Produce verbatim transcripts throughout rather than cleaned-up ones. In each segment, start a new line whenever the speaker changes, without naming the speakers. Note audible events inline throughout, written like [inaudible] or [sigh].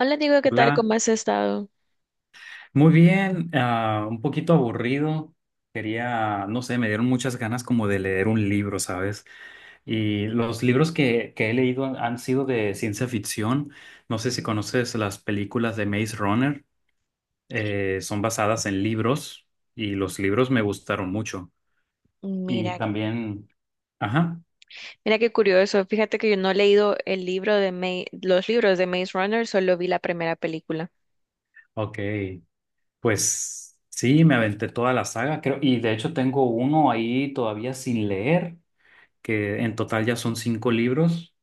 Hola, Diego, ¿qué tal?
Hola,
¿Cómo has estado?
muy bien, ah, un poquito aburrido. Quería, no sé, me dieron muchas ganas como de leer un libro, ¿sabes? Y los libros que, que he leído han, han sido de ciencia ficción. No sé si conoces las películas de Maze Runner, eh, son basadas en libros y los libros me gustaron mucho. Y
Mira,
también, ajá,
mira qué curioso. Fíjate que yo no he leído el libro de Maze, los libros de Maze Runner, solo vi la primera película.
ok, pues sí, me aventé toda la saga, creo, y de hecho tengo uno ahí todavía sin leer, que en total ya son cinco libros,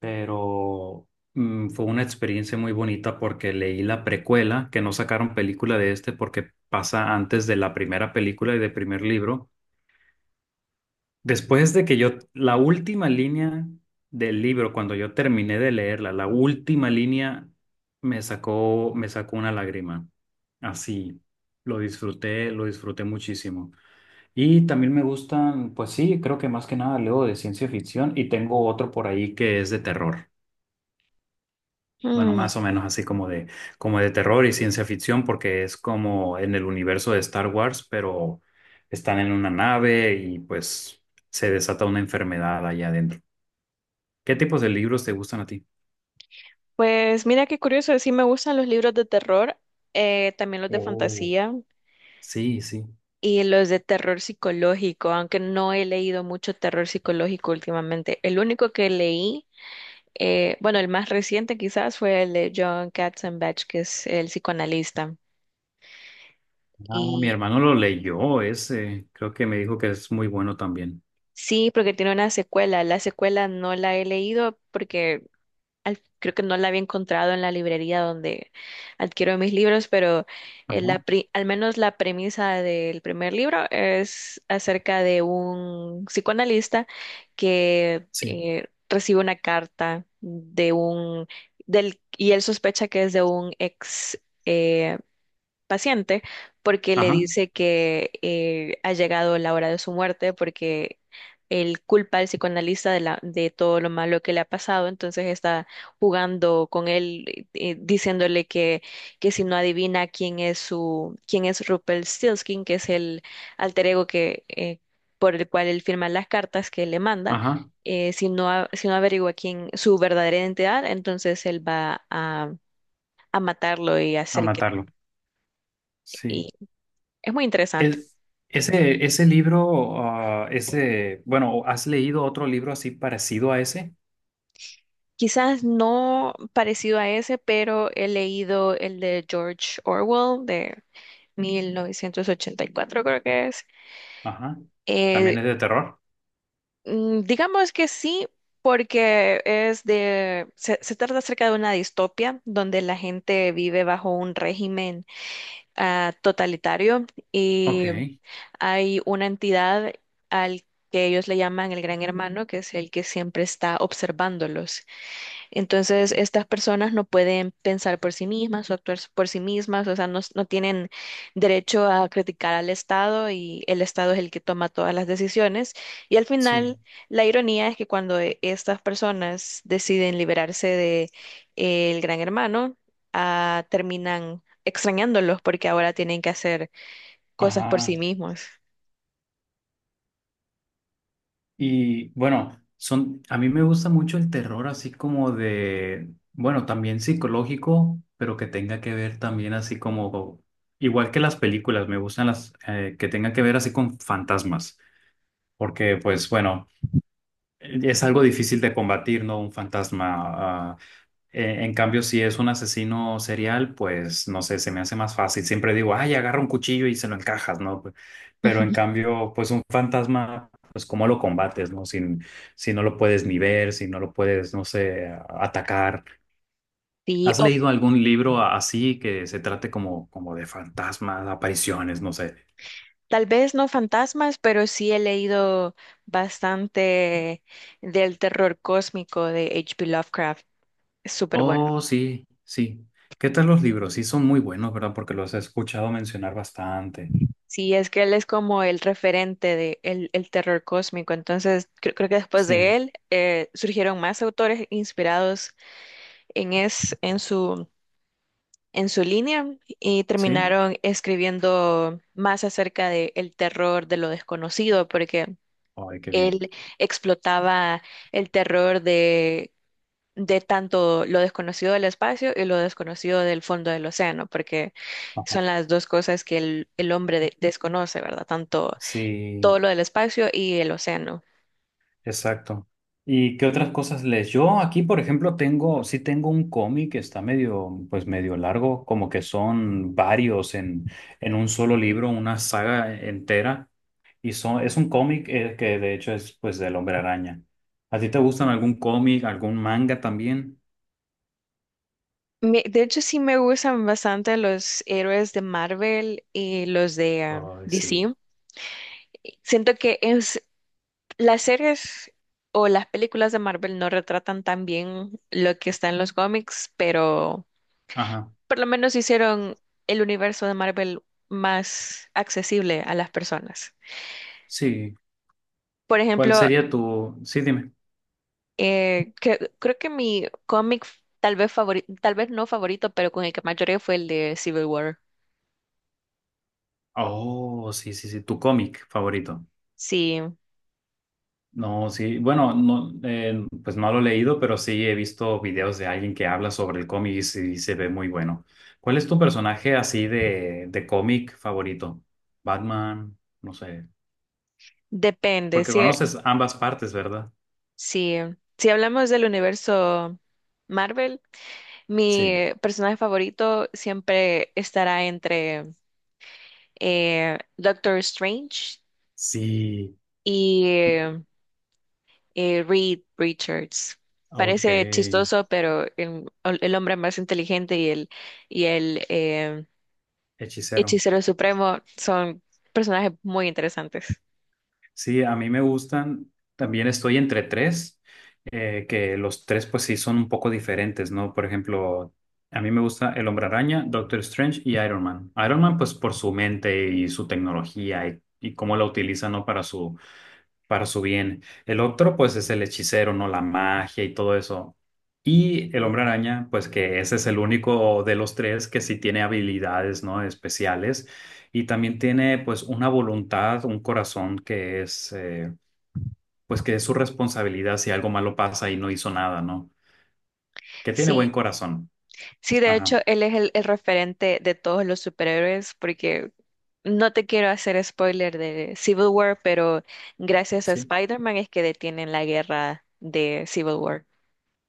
pero mm, fue una experiencia muy bonita porque leí la precuela, que no sacaron película de este porque pasa antes de la primera película y del primer libro. Después de que yo, la última línea del libro, cuando yo terminé de leerla, la última línea me sacó, me sacó una lágrima. Así, lo disfruté, lo disfruté muchísimo. Y también me gustan, pues sí, creo que más que nada leo de ciencia ficción y tengo otro por ahí que es de terror. Bueno,
Mm.
más o menos así como de, como de terror y ciencia ficción, porque es como en el universo de Star Wars, pero están en una nave y pues se desata una enfermedad allá adentro. ¿Qué tipos de libros te gustan a ti?
Pues mira qué curioso, sí me gustan los libros de terror, eh, también los de
Oh.
fantasía
Sí, sí.
y los de terror psicológico, aunque no he leído mucho terror psicológico últimamente. El único que leí, eh, bueno, el más reciente quizás fue el de John Katzenbach, que es el psicoanalista.
Ah, mi
Y
hermano lo leyó ese. Creo que me dijo que es muy bueno también.
sí, porque tiene una secuela. La secuela no la he leído porque al- creo que no la había encontrado en la librería donde adquiero mis libros, pero eh,
Ajá,
la pri- al menos la premisa del primer libro es acerca de un psicoanalista que
sí.
eh, recibe una carta de un del y él sospecha que es de un ex eh, paciente porque le
Ajá,
dice que eh, ha llegado la hora de su muerte porque él culpa al psicoanalista de, la, de todo lo malo que le ha pasado, entonces está jugando con él, eh, eh, diciéndole que, que si no adivina quién es su, quién es Rumpelstiltskin, que es el alter ego que, eh, por el cual él firma las cartas que le manda.
ajá.
eh, si no, a- si no averigua quién su verdadera identidad, entonces él va a, a matarlo y
A
hacer que,
matarlo. Sí.
es muy interesante.
Es- ese, ese libro, ah, ese, bueno, ¿has leído otro libro así parecido a ese?
Quizás no parecido a ese, pero he leído el de George Orwell de mil novecientos ochenta y cuatro, creo que es.
Ajá.
Eh,
¿También es de terror?
mm, digamos que sí, porque es de, se, se trata acerca de una distopia donde la gente vive bajo un régimen ah, totalitario
Ok,
y hay una entidad al que ellos le llaman el Gran Hermano, que es el que siempre está observándolos. Entonces, estas personas no pueden pensar por sí mismas o actuar por sí mismas, o sea, no, no tienen derecho a criticar al Estado y el Estado es el que toma todas las decisiones. Y al
sí.
final, la ironía es que cuando eh, estas personas deciden liberarse de eh, el Gran Hermano, ah, terminan extrañándolos porque ahora tienen que hacer cosas por
Ajá.
sí mismos.
Y bueno, son, a mí me gusta mucho el terror así como de, bueno, también psicológico, pero que tenga que ver también así como, igual que las películas, me gustan las eh, que tengan que ver así con fantasmas, porque pues bueno, es algo difícil de combatir, ¿no? Un fantasma. Eh, en cambio, si es un asesino serial, pues no sé, se me hace más fácil. Siempre digo, ay, agarra un cuchillo y se lo encajas, ¿no? Pe- Pero en
[laughs]
cambio, pues un fantasma, pues cómo lo combates, ¿no? Si, si no lo puedes ni ver, si no lo puedes, no sé, a- atacar.
Sí.
¿Has leído algún libro a- así que se trate como, como de fantasmas, apariciones, no sé?
Tal vez no fantasmas, pero sí he leído bastante del terror cósmico de H P. Lovecraft. Es súper bueno.
Oh, sí, sí. ¿Qué tal los libros? Sí, son muy buenos, ¿verdad? Porque los he escuchado mencionar bastante.
Sí, es que él es como el referente de el, el terror cósmico. Entonces, cre- creo que después de
Sí,
él eh, surgieron más autores inspirados en, es, en su, en su línea y
sí.
terminaron escribiendo más acerca de el terror de lo desconocido, porque
Ay, qué bien.
él explotaba el terror de tanto lo desconocido del espacio y lo desconocido del fondo del océano, porque son las dos cosas que el, el hombre de- desconoce, ¿verdad? Tanto todo
Sí,
lo del espacio y el océano.
exacto. ¿Y qué otras cosas lees? Yo aquí, por ejemplo, tengo, sí tengo un cómic que está medio, pues medio largo, como que son varios en, en un solo libro, una saga entera. Y son, es un cómic eh, que de hecho es pues del Hombre Araña. ¿A ti te gustan algún cómic, algún manga también?
Me- de hecho, sí me gustan bastante los héroes de Marvel y los de ah,
Ay, sí.
D C. Siento que es, las series o las películas de Marvel no retratan tan bien lo que está en los cómics, pero
Ajá.
por lo menos hicieron el universo de Marvel más accesible a las personas.
Sí.
Por
¿Cuál
ejemplo,
sería tu... Sí, dime.
eh, que- creo que mi cómic tal vez favori, tal vez no favorito, pero con el que más lloré fue el de Civil War.
Oh, sí, sí, sí, tu cómic favorito.
Sí,
No, sí, bueno, no, eh, pues no lo he leído, pero sí he visto videos de alguien que habla sobre el cómic y sí se ve muy bueno. ¿Cuál es tu personaje así de, de cómic favorito? Batman, no sé,
depende.
porque
Si,
conoces ambas partes, ¿verdad?
si, si hablamos del universo Marvel,
Sí,
mi personaje favorito siempre estará entre eh, Doctor Strange
sí,
y eh, Reed Richards.
ok,
Parece chistoso, pero el, el hombre más inteligente y el, y el eh,
hechicero.
hechicero supremo son personajes muy interesantes.
Sí, a mí me gustan. También estoy entre tres, eh, que los tres pues sí son un poco diferentes, ¿no? Por ejemplo, a mí me gusta El Hombre Araña, Doctor Strange y Iron Man. Iron Man pues por su mente y su tecnología y, y cómo la utiliza, ¿no? Para su, para su bien. El otro, pues, es el hechicero, ¿no? La magia y todo eso. Y el hombre araña, pues, que ese es el único de los tres que sí tiene habilidades, ¿no? Especiales. Y también tiene, pues, una voluntad, un corazón que es, eh, pues, que es su responsabilidad si algo malo pasa y no hizo nada, ¿no? Que tiene buen
Sí,
corazón.
sí, de
Ajá,
hecho, él es el, el referente de todos los superhéroes, porque no te quiero hacer spoiler de Civil War, pero gracias a
sí.
Spider-Man es que detienen la guerra de Civil War.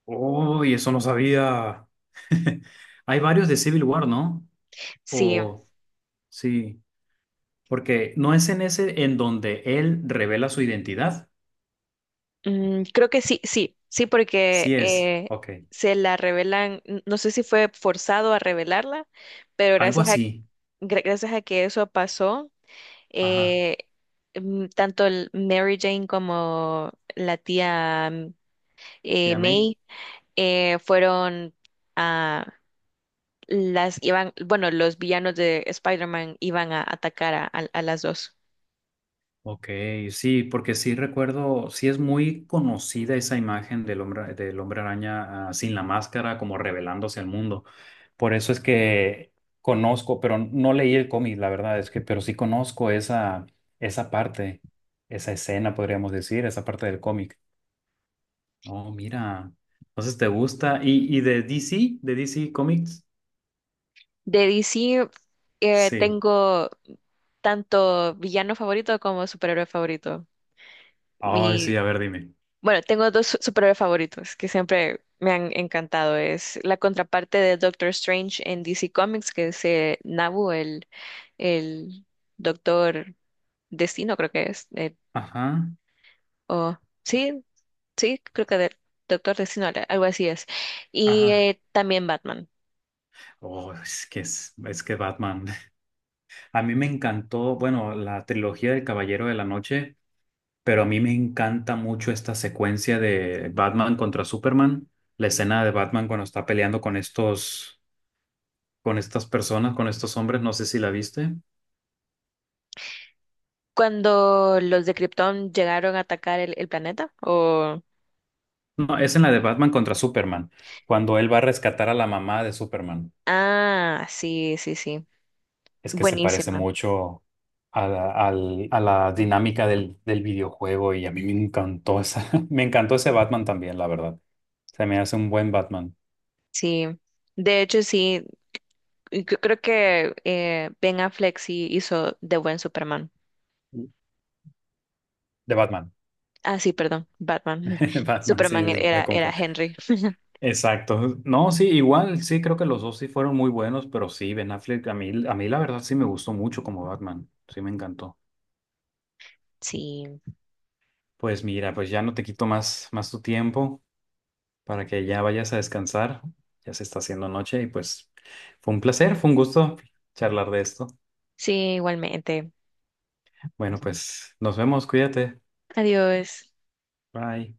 Uy, eso no sabía. [laughs] Hay varios de Civil War, ¿no?
Sí.
O, sí. Porque no es en ese en donde él revela su identidad.
Mm, creo que sí, sí, sí, porque
Sí es.
eh,
Ok.
se la revelan, n- no sé si fue forzado a revelarla, pero
Algo
gracias a,
así.
gra- gracias a que eso pasó,
Ajá.
eh, mm, tanto el Mary Jane como la tía mm, eh,
¿Ya me?
May eh, fueron a las, iban, bueno, los villanos de Spider-Man iban a atacar a, a- a las dos.
Ok, sí, porque sí recuerdo, sí es muy conocida esa imagen del hombre, del hombre araña, ah, sin la máscara, como revelándose al mundo. Por eso es que conozco, pero no leí el cómic, la verdad es que, pero sí conozco esa, esa parte, esa escena, podríamos decir, esa parte del cómic. Oh, mira. Entonces te gusta. ¿Y, y de D C? ¿De D C Comics?
De D C eh,
Sí.
tengo tanto villano favorito como superhéroe favorito.
Ay,
Mi,
sí, a ver, dime.
bueno, tengo dos su- superhéroes favoritos que siempre me han encantado. Es la contraparte de Doctor Strange en D C Comics, que es eh, Nabu, el, el Doctor Destino, creo que es. eh,
Ajá,
o- sí, sí, creo que de- Doctor Destino, al- algo así es. Y
ajá.
eh, también Batman.
Oh, es que es, es que Batman. [laughs] A mí me encantó, bueno, la trilogía del Caballero de la Noche, pero a mí me encanta mucho esta secuencia de Batman contra Superman. La escena de Batman cuando está peleando con estos, con estas personas, con estos hombres, no sé si la viste.
Cuando los de Krypton llegaron a atacar el, el planeta, o
No, es en la de Batman contra Superman, cuando él va a rescatar a la mamá de Superman.
ah, sí, sí, sí.
Es que se parece
Buenísima.
mucho a la, al- a la dinámica del, del videojuego y a mí me encantó esa, [laughs] me encantó ese Batman también, la verdad. Se me hace un buen Batman.
Sí. De hecho, sí, y yo creo que eh, Ben Affleck sí hizo de buen Superman.
De Batman.
Ah, sí, perdón, Batman. [laughs]
[laughs] Batman, sí,
Superman
me
era, era
confundo.
Henry.
Exacto. No, sí, igual, sí, creo que los dos sí fueron muy buenos, pero sí, Ben Affleck, a mí, a mí la verdad sí me gustó mucho como Batman. Sí, me encantó.
Sí,
Pues mira, pues ya no te quito más, más tu tiempo, para que ya vayas a descansar. Ya se está haciendo noche y pues fue un placer, fue un gusto charlar de esto.
sí, igualmente.
Bueno, pues nos vemos, cuídate.
Adiós.
Bye.